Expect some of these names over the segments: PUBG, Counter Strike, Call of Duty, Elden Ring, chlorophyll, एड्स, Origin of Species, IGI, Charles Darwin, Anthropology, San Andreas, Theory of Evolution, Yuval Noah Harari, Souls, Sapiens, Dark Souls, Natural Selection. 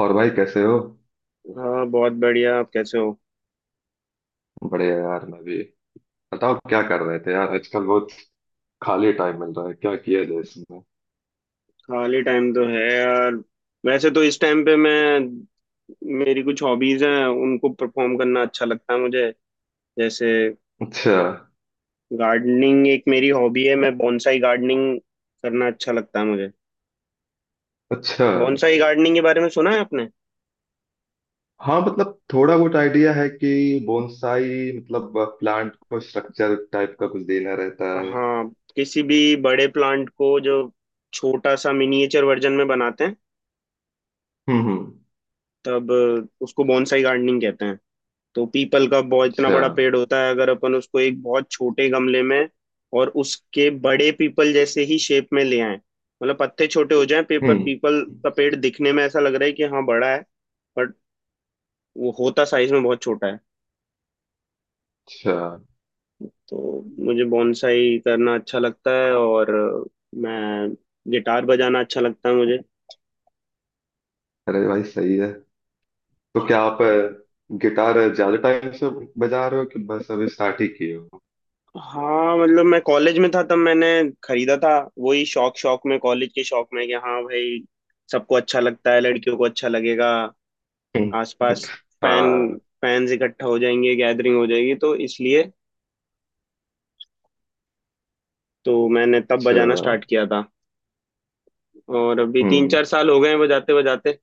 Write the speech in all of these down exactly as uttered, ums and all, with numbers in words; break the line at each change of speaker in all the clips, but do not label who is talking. और भाई कैसे हो।
हाँ बहुत बढ़िया। आप कैसे हो।
बढ़िया यार मैं भी। बताओ क्या कर रहे थे यार आजकल। बहुत खाली टाइम मिल रहा है, क्या किया जाए इसमें।
खाली टाइम तो है यार। वैसे तो इस टाइम पे मैं मेरी कुछ हॉबीज हैं, उनको परफॉर्म करना अच्छा लगता है मुझे। जैसे
अच्छा।
गार्डनिंग एक मेरी हॉबी है, मैं बॉन्साई गार्डनिंग करना अच्छा लगता है मुझे।
अच्छा,
बॉन्साई गार्डनिंग के बारे में सुना है आपने?
हाँ मतलब थोड़ा बहुत आइडिया है कि बोनसाई मतलब प्लांट को स्ट्रक्चर टाइप का कुछ देना रहता है।
हाँ, किसी भी बड़े प्लांट को जो छोटा सा मिनिएचर वर्जन में बनाते हैं
हम्म हम्म।
तब उसको बॉन्साई गार्डनिंग कहते हैं। तो पीपल का बहुत इतना
अच्छा।
बड़ा पेड़ होता है, अगर अपन उसको एक बहुत छोटे गमले में और उसके बड़े पीपल जैसे ही शेप में ले आए मतलब पत्ते छोटे हो जाएं, पेपर
हम्म।
पीपल का पेड़ दिखने में ऐसा लग रहा है कि हाँ बड़ा है बट वो होता साइज में बहुत छोटा है।
अच्छा,
तो मुझे बॉन्साई करना अच्छा लगता है, और मैं गिटार बजाना अच्छा लगता है मुझे।
अरे भाई सही है। तो क्या आप अ, गिटार ज्यादा टाइम से बजा रहे हो कि बस अभी स्टार्ट ही किए हो?
हाँ मतलब मैं कॉलेज में था तब मैंने खरीदा था। वही शौक शौक में, कॉलेज के शौक में कि हाँ भाई सबको अच्छा लगता है, लड़कियों को अच्छा लगेगा, आसपास फैन
हाँ।
फैंस इकट्ठा हो जाएंगे, गैदरिंग हो जाएगी, तो इसलिए तो मैंने तब
अच्छा।
बजाना स्टार्ट किया था। और अभी तीन
हम्म।
चार साल हो गए हैं बजाते बजाते।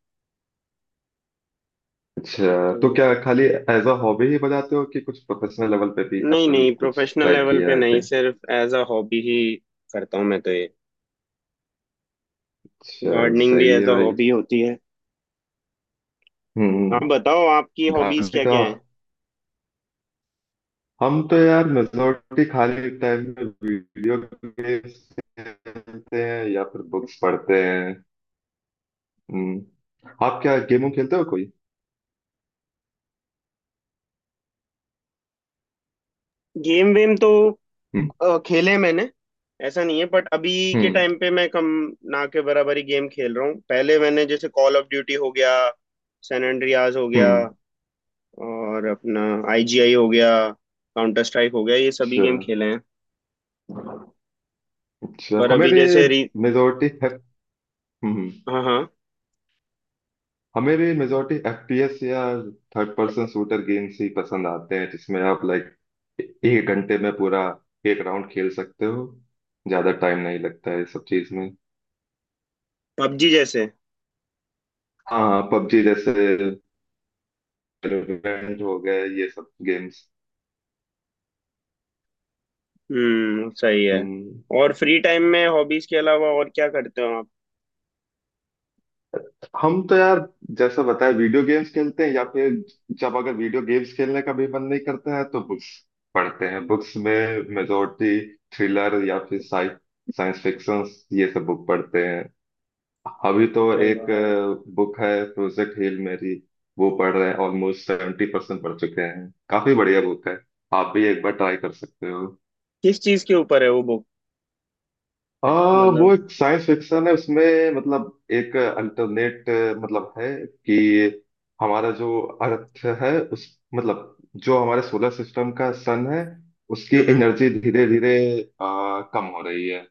अच्छा,
तो
तो क्या खाली एज अ हॉबी ही बजाते हो कि कुछ प्रोफेशनल लेवल पे भी
नहीं
कभी
नहीं,
कुछ
प्रोफेशनल
ट्राई
लेवल
किया
पे
है
नहीं,
आपने?
सिर्फ एज अ हॉबी ही करता हूँ मैं, तो ये
अच्छा,
गार्डनिंग भी
सही
एज
है
अ
भाई।
हॉबी होती है। आप
हम्म।
बताओ आपकी हॉबीज
गाने
क्या
का,
क्या हैं।
हम तो यार मेजोरिटी खाली टाइम में वीडियो गेम्स खेलते हैं या फिर बुक्स पढ़ते हैं। हम्म, आप क्या गेम खेलते हो कोई?
गेम वेम तो
हम्म।
अ, खेले मैंने, ऐसा नहीं है बट अभी के
हम्म।
टाइम पे मैं कम, ना के बराबर ही गेम खेल रहा हूँ। पहले मैंने जैसे कॉल ऑफ ड्यूटी हो गया, सैन एंड्रियास हो गया,
हम्म,
और अपना आईजीआई हो गया, काउंटर स्ट्राइक हो गया, ये सभी
अच्छा।
गेम खेले हैं।
अच्छा,
पर
हमें
अभी
भी
जैसे री
मेजोरिटी है। हम्म।
हाँ हाँ,
हमें भी मेजोरिटी एफ पी एस या थर्ड पर्सन शूटर गेम्स ही पसंद आते हैं, जिसमें आप लाइक एक घंटे में पूरा एक राउंड खेल सकते हो, ज्यादा टाइम नहीं लगता है इस सब चीज में।
पबजी जैसे।
हाँ पबजी जैसे, वैलोरेंट हो गए ये सब गेम्स।
हम्म सही है।
हम्म।
और फ्री टाइम में हॉबीज के अलावा और क्या करते हो आप?
हम तो यार जैसा बताया वीडियो गेम्स खेलते हैं, या फिर जब अगर वीडियो गेम्स खेलने का भी मन नहीं करता है तो बुक्स पढ़ते हैं। बुक्स में मेजोरिटी थ्रिलर या फिर साइंस फिक्शन, ये सब बुक पढ़ते हैं। अभी तो
अरे
एक
वाह,
बुक है प्रोजेक्ट हिल मेरी, वो पढ़ रहे हैं। ऑलमोस्ट सेवेंटी परसेंट पढ़ चुके हैं, काफी बढ़िया बुक है। आप भी एक बार ट्राई कर सकते हो।
किस चीज के ऊपर है वो बुक?
आ,
मतलब,
वो एक साइंस फिक्शन है। उसमें मतलब एक अल्टरनेट मतलब है कि हमारा जो अर्थ है, उस मतलब जो हमारे सोलर सिस्टम का सन है, उसकी
हम्म,
एनर्जी धीरे धीरे कम हो रही है।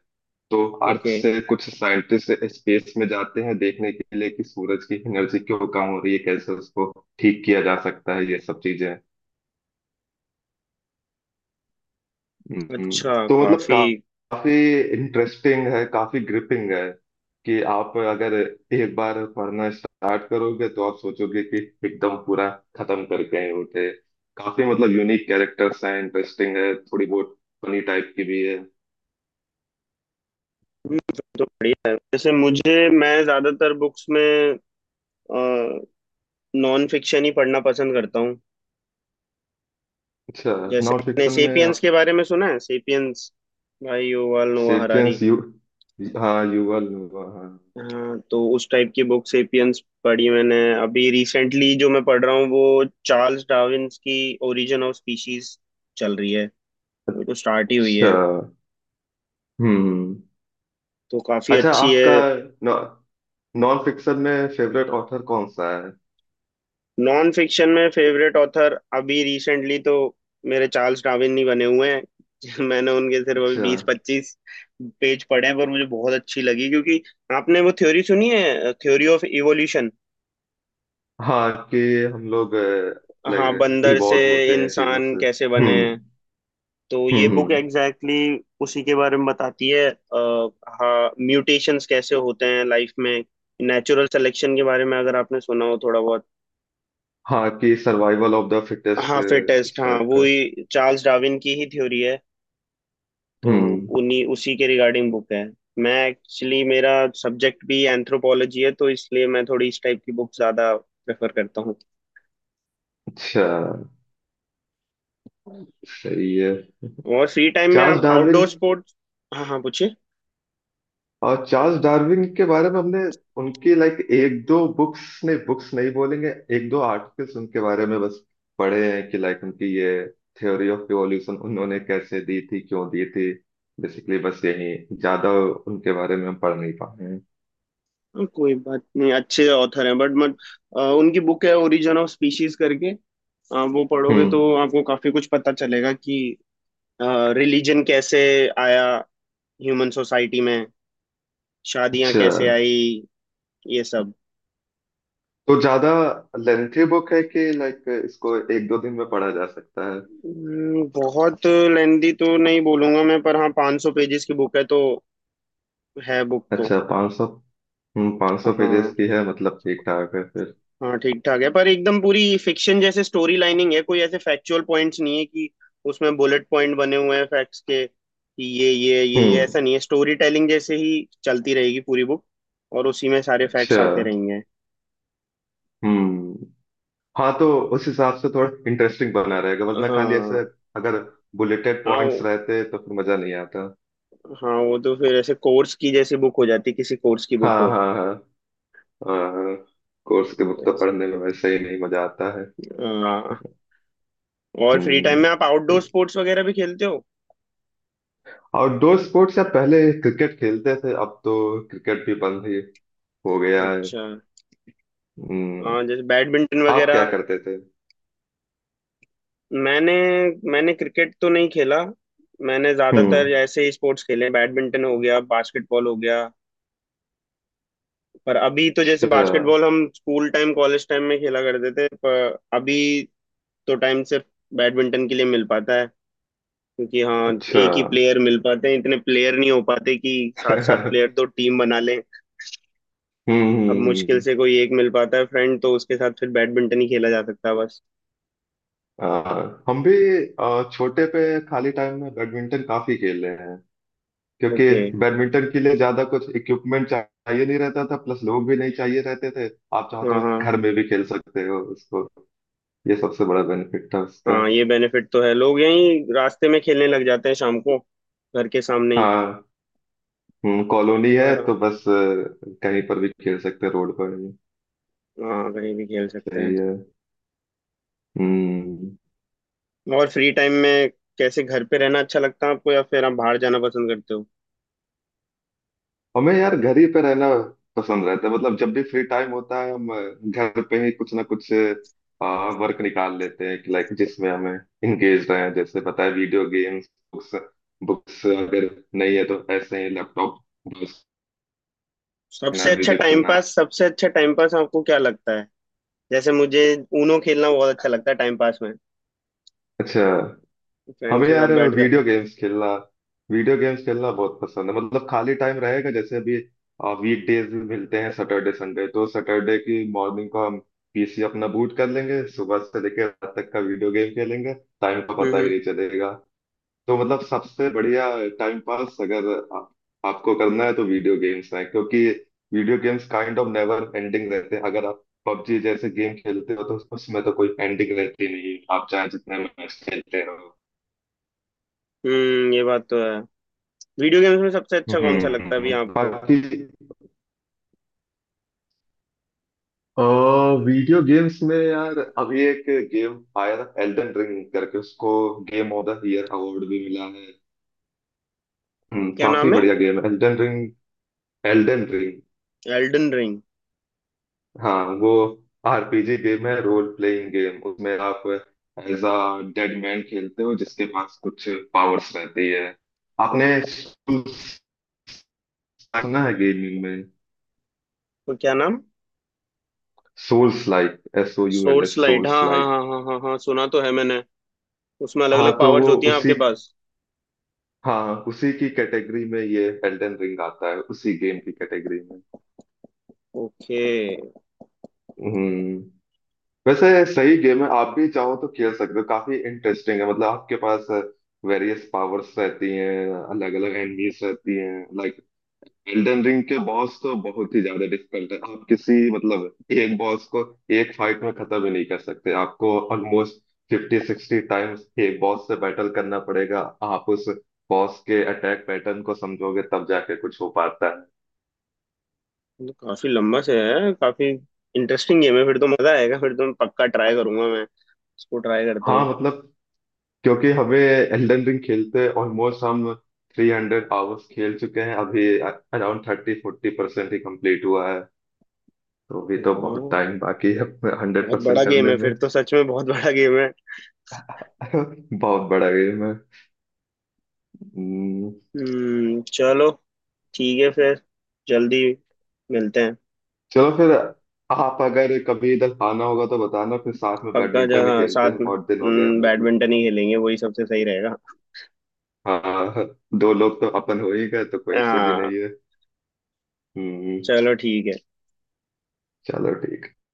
तो अर्थ
ओके,
से कुछ साइंटिस्ट स्पेस में जाते हैं देखने के लिए कि सूरज की एनर्जी क्यों कम हो रही है, कैसे उसको ठीक किया जा सकता है, ये सब चीजें। हम्म।
अच्छा
तो मतलब
काफी।
का- काफी इंटरेस्टिंग है, काफी ग्रिपिंग है कि आप अगर एक बार पढ़ना स्टार्ट करोगे तो आप सोचोगे कि एकदम पूरा खत्म करके आए उठे। काफी मतलब यूनिक कैरेक्टर्स हैं, इंटरेस्टिंग है, थोड़ी बहुत फनी टाइप की भी है।
हम्म, फिर तो बढ़िया है। जैसे मुझे, मैं ज्यादातर बुक्स में नॉन फिक्शन ही पढ़ना पसंद करता हूँ।
अच्छा।
जैसे
नॉन
आपने
फिक्शन में
सेपियंस के बारे में सुना है, सेपियंस, भाई युval नोआ हरारी।
सेपियंस यू, हाँ युवा, हाँ।
हाँ तो उस टाइप की बुक सेपियंस पढ़ी मैंने। अभी रिसेंटली जो मैं पढ़ रहा हूँ वो चार्ल्स डार्विन्स की ओरिजिन ऑफ स्पीशीज चल रही है, वो तो स्टार्ट ही हुई
अच्छा।
है।
हम्म हम्म।
तो काफी
अच्छा,
अच्छी
आपका
है।
नॉ, नॉन फिक्शन में फेवरेट ऑथर कौन सा है?
नॉन फिक्शन में फेवरेट ऑथर अभी रिसेंटली तो मेरे चार्ल्स डार्विन ही बने हुए हैं। मैंने उनके सिर्फ अभी
अच्छा,
बीस पच्चीस पेज पढ़े हैं पर मुझे बहुत अच्छी लगी क्योंकि, आपने वो थ्योरी सुनी है, थ्योरी ऑफ इवोल्यूशन?
हाँ कि हम लोग
हाँ
लाइक
बंदर से
इवॉल्व होते हैं चीजों
इंसान
से।
कैसे बने
हम्म।
हैं। तो ये
हम्म।
बुक
हम्म।
एग्जैक्टली exactly उसी के बारे में बताती है अ, हाँ म्यूटेशंस कैसे होते हैं लाइफ में, नेचुरल सिलेक्शन के बारे में अगर आपने सुना हो थोड़ा बहुत।
हाँ कि सर्वाइवल ऑफ द फिटेस्ट
हाँ फिटेस्ट,
इस
हाँ
टाइप
वो
का।
ही चार्ल्स डार्विन की ही थ्योरी है। तो
हम्म।
उन्हीं उसी के रिगार्डिंग बुक है। मैं एक्चुअली मेरा सब्जेक्ट भी एंथ्रोपोलॉजी है तो इसलिए मैं थोड़ी इस टाइप की बुक ज्यादा प्रेफर करता हूँ।
अच्छा, सही है।
और फ्री टाइम में
चार्ल्स
आप
डार्विन,
आउटडोर स्पोर्ट्स, हाँ हाँ पूछिए।
और चार्ल्स डार्विन के बारे में हमने उनकी लाइक एक दो बुक्स, नहीं बुक्स नहीं बोलेंगे, एक दो आर्टिकल्स उनके बारे में बस पढ़े हैं कि लाइक उनकी ये थ्योरी ऑफ इवोल्यूशन उन्होंने कैसे दी थी, क्यों दी थी, बेसिकली बस यही। ज्यादा उनके बारे में हम पढ़ नहीं पाए हैं।
हाँ, कोई बात नहीं, अच्छे ऑथर हैं बट मत अ, उनकी बुक है ओरिजिन ऑफ स्पीशीज करके, अ, वो पढ़ोगे तो
हम्म।
आपको काफी कुछ पता चलेगा कि रिलीजन कैसे आया ह्यूमन सोसाइटी में, शादियां
अच्छा,
कैसे आई, ये सब।
तो ज्यादा लेंथी बुक है कि लाइक इसको एक दो दिन में पढ़ा जा सकता है?
हम्म, बहुत लेंदी तो नहीं बोलूंगा मैं पर हाँ 500 सौ पेजेस की बुक है तो, है बुक तो।
अच्छा, पाँच सौ। हम्म, पाँच सौ पेजेस
हाँ
की है मतलब ठीक ठाक है फिर।
हाँ ठीक ठाक है पर एकदम पूरी फिक्शन जैसे स्टोरी लाइनिंग है, कोई ऐसे फैक्चुअल पॉइंट्स नहीं है कि उसमें बुलेट पॉइंट बने हुए हैं फैक्ट्स के कि ये ये ये ये ऐसा
हम्म।
नहीं है। स्टोरी टेलिंग जैसे ही चलती रहेगी पूरी बुक, और उसी में सारे
अच्छा।
फैक्ट्स आते रहेंगे।
हम्म। हाँ तो उस हिसाब से थोड़ा इंटरेस्टिंग बना रहेगा, वरना खाली ऐसे
हाँ,
अगर बुलेटेड
हाँ
पॉइंट्स
वो-
रहते तो फिर मजा नहीं आता।
हाँ वो तो फिर ऐसे कोर्स की जैसी बुक हो जाती, किसी कोर्स की बुक
हाँ
हो।
हाँ हाँ। हाँ, कोर्स के बुक तो पढ़ने में वैसे ही नहीं मजा आता है।
हाँ, और फ्री टाइम
हम्म।
में आप आउटडोर स्पोर्ट्स वगैरह भी खेलते हो?
आउटडोर स्पोर्ट्स, या पहले क्रिकेट खेलते थे, अब तो क्रिकेट भी बंद ही हो गया है।
अच्छा।
हम्म,
हाँ जैसे बैडमिंटन
आप क्या
वगैरह।
करते थे?
मैंने मैंने क्रिकेट तो नहीं खेला, मैंने ज्यादातर
हम्म।
ऐसे ही स्पोर्ट्स खेले, बैडमिंटन हो गया, बास्केटबॉल हो गया। पर अभी तो जैसे
अच्छा।
बास्केटबॉल हम स्कूल टाइम कॉलेज टाइम में खेला करते थे, पर अभी तो टाइम सिर्फ बैडमिंटन के लिए मिल पाता है क्योंकि हाँ
अच्छा।
एक ही प्लेयर मिल पाते हैं, इतने प्लेयर नहीं हो पाते कि सात सात प्लेयर
हम्म।
तो टीम बना लें।
हम्म।
अब मुश्किल
हम्म।
से कोई एक मिल पाता है फ्रेंड, तो उसके साथ फिर बैडमिंटन ही खेला जा सकता है बस।
आ, हम भी आ, छोटे पे खाली टाइम में बैडमिंटन काफी खेले हैं, क्योंकि
ओके।
बैडमिंटन के लिए ज्यादा कुछ इक्विपमेंट चाहिए नहीं रहता था, प्लस लोग भी नहीं चाहिए रहते थे। आप चाहो
हाँ
तो
हाँ,
घर में भी खेल सकते हो उसको, ये सबसे बड़ा बेनिफिट था उसका।
हाँ ये बेनिफिट तो है, लोग यहीं रास्ते में खेलने लग जाते हैं शाम को, घर के सामने ही।
हाँ, कॉलोनी
तो
है
आराम,
तो बस अ, कहीं पर भी खेल सकते हैं, रोड पर भी।
हाँ कहीं भी खेल सकते
सही
हैं।
है। हम्म।
और फ्री टाइम में कैसे, घर पे रहना अच्छा लगता है आपको या फिर आप बाहर जाना पसंद करते हो?
हमें यार घर ही पे रहना पसंद रहता है, मतलब जब भी फ्री टाइम होता है हम घर पे ही कुछ ना कुछ वर्क निकाल लेते हैं कि लाइक जिसमें हमें इंगेज रहे हैं, जैसे पता है वीडियो गेम्स, बुक्स, बुक्स अगर नहीं है तो ऐसे ही लैपटॉप ब्राउज करना,
सबसे अच्छा
म्यूजिक
टाइम
सुनना।
पास सबसे अच्छा टाइम पास आपको क्या लगता है? जैसे मुझे ऊनो खेलना बहुत अच्छा लगता है टाइम पास में,
अच्छा।
फ्रेंड्स
हमें
के साथ
यार
बैठ जा।
वीडियो गेम्स खेलना, वीडियो गेम्स खेलना बहुत पसंद है, मतलब खाली टाइम रहेगा, जैसे अभी वीक डेज भी मिलते हैं सैटरडे संडे, तो सैटरडे की मॉर्निंग को हम पी सी अपना बूट कर लेंगे, सुबह से लेकर रात तक का वीडियो गेम खेलेंगे, टाइम का
हम्म
पता ही
हम्म।
नहीं चलेगा। तो मतलब सबसे बढ़िया टाइम पास अगर आप, आपको करना है तो वीडियो गेम्स है, क्योंकि video games kind of never ending रहते हैं, अगर आप पबजी जैसे गेम खेलते हो तो उसमें तो कोई एंडिंग रहती नहीं है। आप चाहे जितने मैच खेलते रहो।
हम्म, ये बात तो है। वीडियो गेम्स में सबसे अच्छा कौन सा लगता है अभी
हम्म
आपको?
बाकी। वीडियो गेम्स में यार अभी एक गेम आया था एल्डन रिंग करके, उसको game of the year award भी मिला है। हम्म,
क्या
काफी
नाम है?
बढ़िया गेम है Elden Ring. Elden Ring,
Elden Ring?
हाँ वो आर पी जी गेम है, रोल प्लेइंग गेम, उसमें आप एज अ डेड मैन खेलते हो जिसके पास कुछ पावर्स रहती है। आपने Souls सुना है गेमिंग में?
तो क्या नाम,
souls like, S O U L
source
S
light,
souls
हाँ हाँ
लाइक।
हाँ हाँ हाँ हाँ सुना तो है मैंने। उसमें अलग
हाँ
अलग
तो
पावर्स
वो
होती हैं
उसी,
आपके पास?
हाँ उसी की कैटेगरी में ये एल्डन रिंग आता है, उसी गेम की कैटेगरी में।
ओके।
हम्म। वैसे सही गेम है, आप भी चाहो तो खेल सकते हो, काफी इंटरेस्टिंग है, मतलब आपके पास वेरियस पावर्स रहती हैं, अलग अलग एनिमीज रहती हैं। लाइक एल्डन रिंग के बॉस तो बहुत ही ज्यादा डिफिकल्ट है, आप किसी मतलब एक बॉस को एक फाइट में खत्म ही नहीं कर सकते, आपको ऑलमोस्ट फिफ्टी सिक्सटी टाइम्स एक बॉस से बैटल करना पड़ेगा। आप उस बॉस के अटैक पैटर्न को समझोगे तब जाके कुछ हो पाता।
तो काफी लंबा से है, काफी इंटरेस्टिंग गेम है फिर तो, मजा आएगा। फिर तो मैं पक्का ट्राई करूंगा, मैं इसको ट्राई करता
हाँ
हूँ।
मतलब, क्योंकि हमें एल्डन रिंग खेलते ऑलमोस्ट हम थ्री हंड्रेड आवर्स खेल चुके हैं, अभी अराउंड थर्टी फोर्टी परसेंट ही कंप्लीट हुआ है, तो अभी तो बहुत
हाँ
टाइम बाकी है हंड्रेड
बहुत बड़ा
परसेंट
गेम
करने
है
में।
फिर तो, सच में बहुत बड़ा गेम है।
बहुत बड़ा गेम है। हम्म।
हम्म चलो ठीक है फिर, जल्दी मिलते हैं।
चलो फिर, आप अगर कभी इधर आना होगा तो बताना, फिर साथ में
पक्का,
बैडमिंटन ही
जहाँ
खेलते
साथ
हैं,
में
बहुत दिन हो गए
हम्म,
हमें भी।
बैडमिंटन ही खेलेंगे, वही सबसे सही रहेगा।
हाँ। दो लोग तो अपन हो ही गए, तो कोई इशू भी
हाँ
नहीं है। हम्म,
चलो ठीक है।
चलो ठीक है।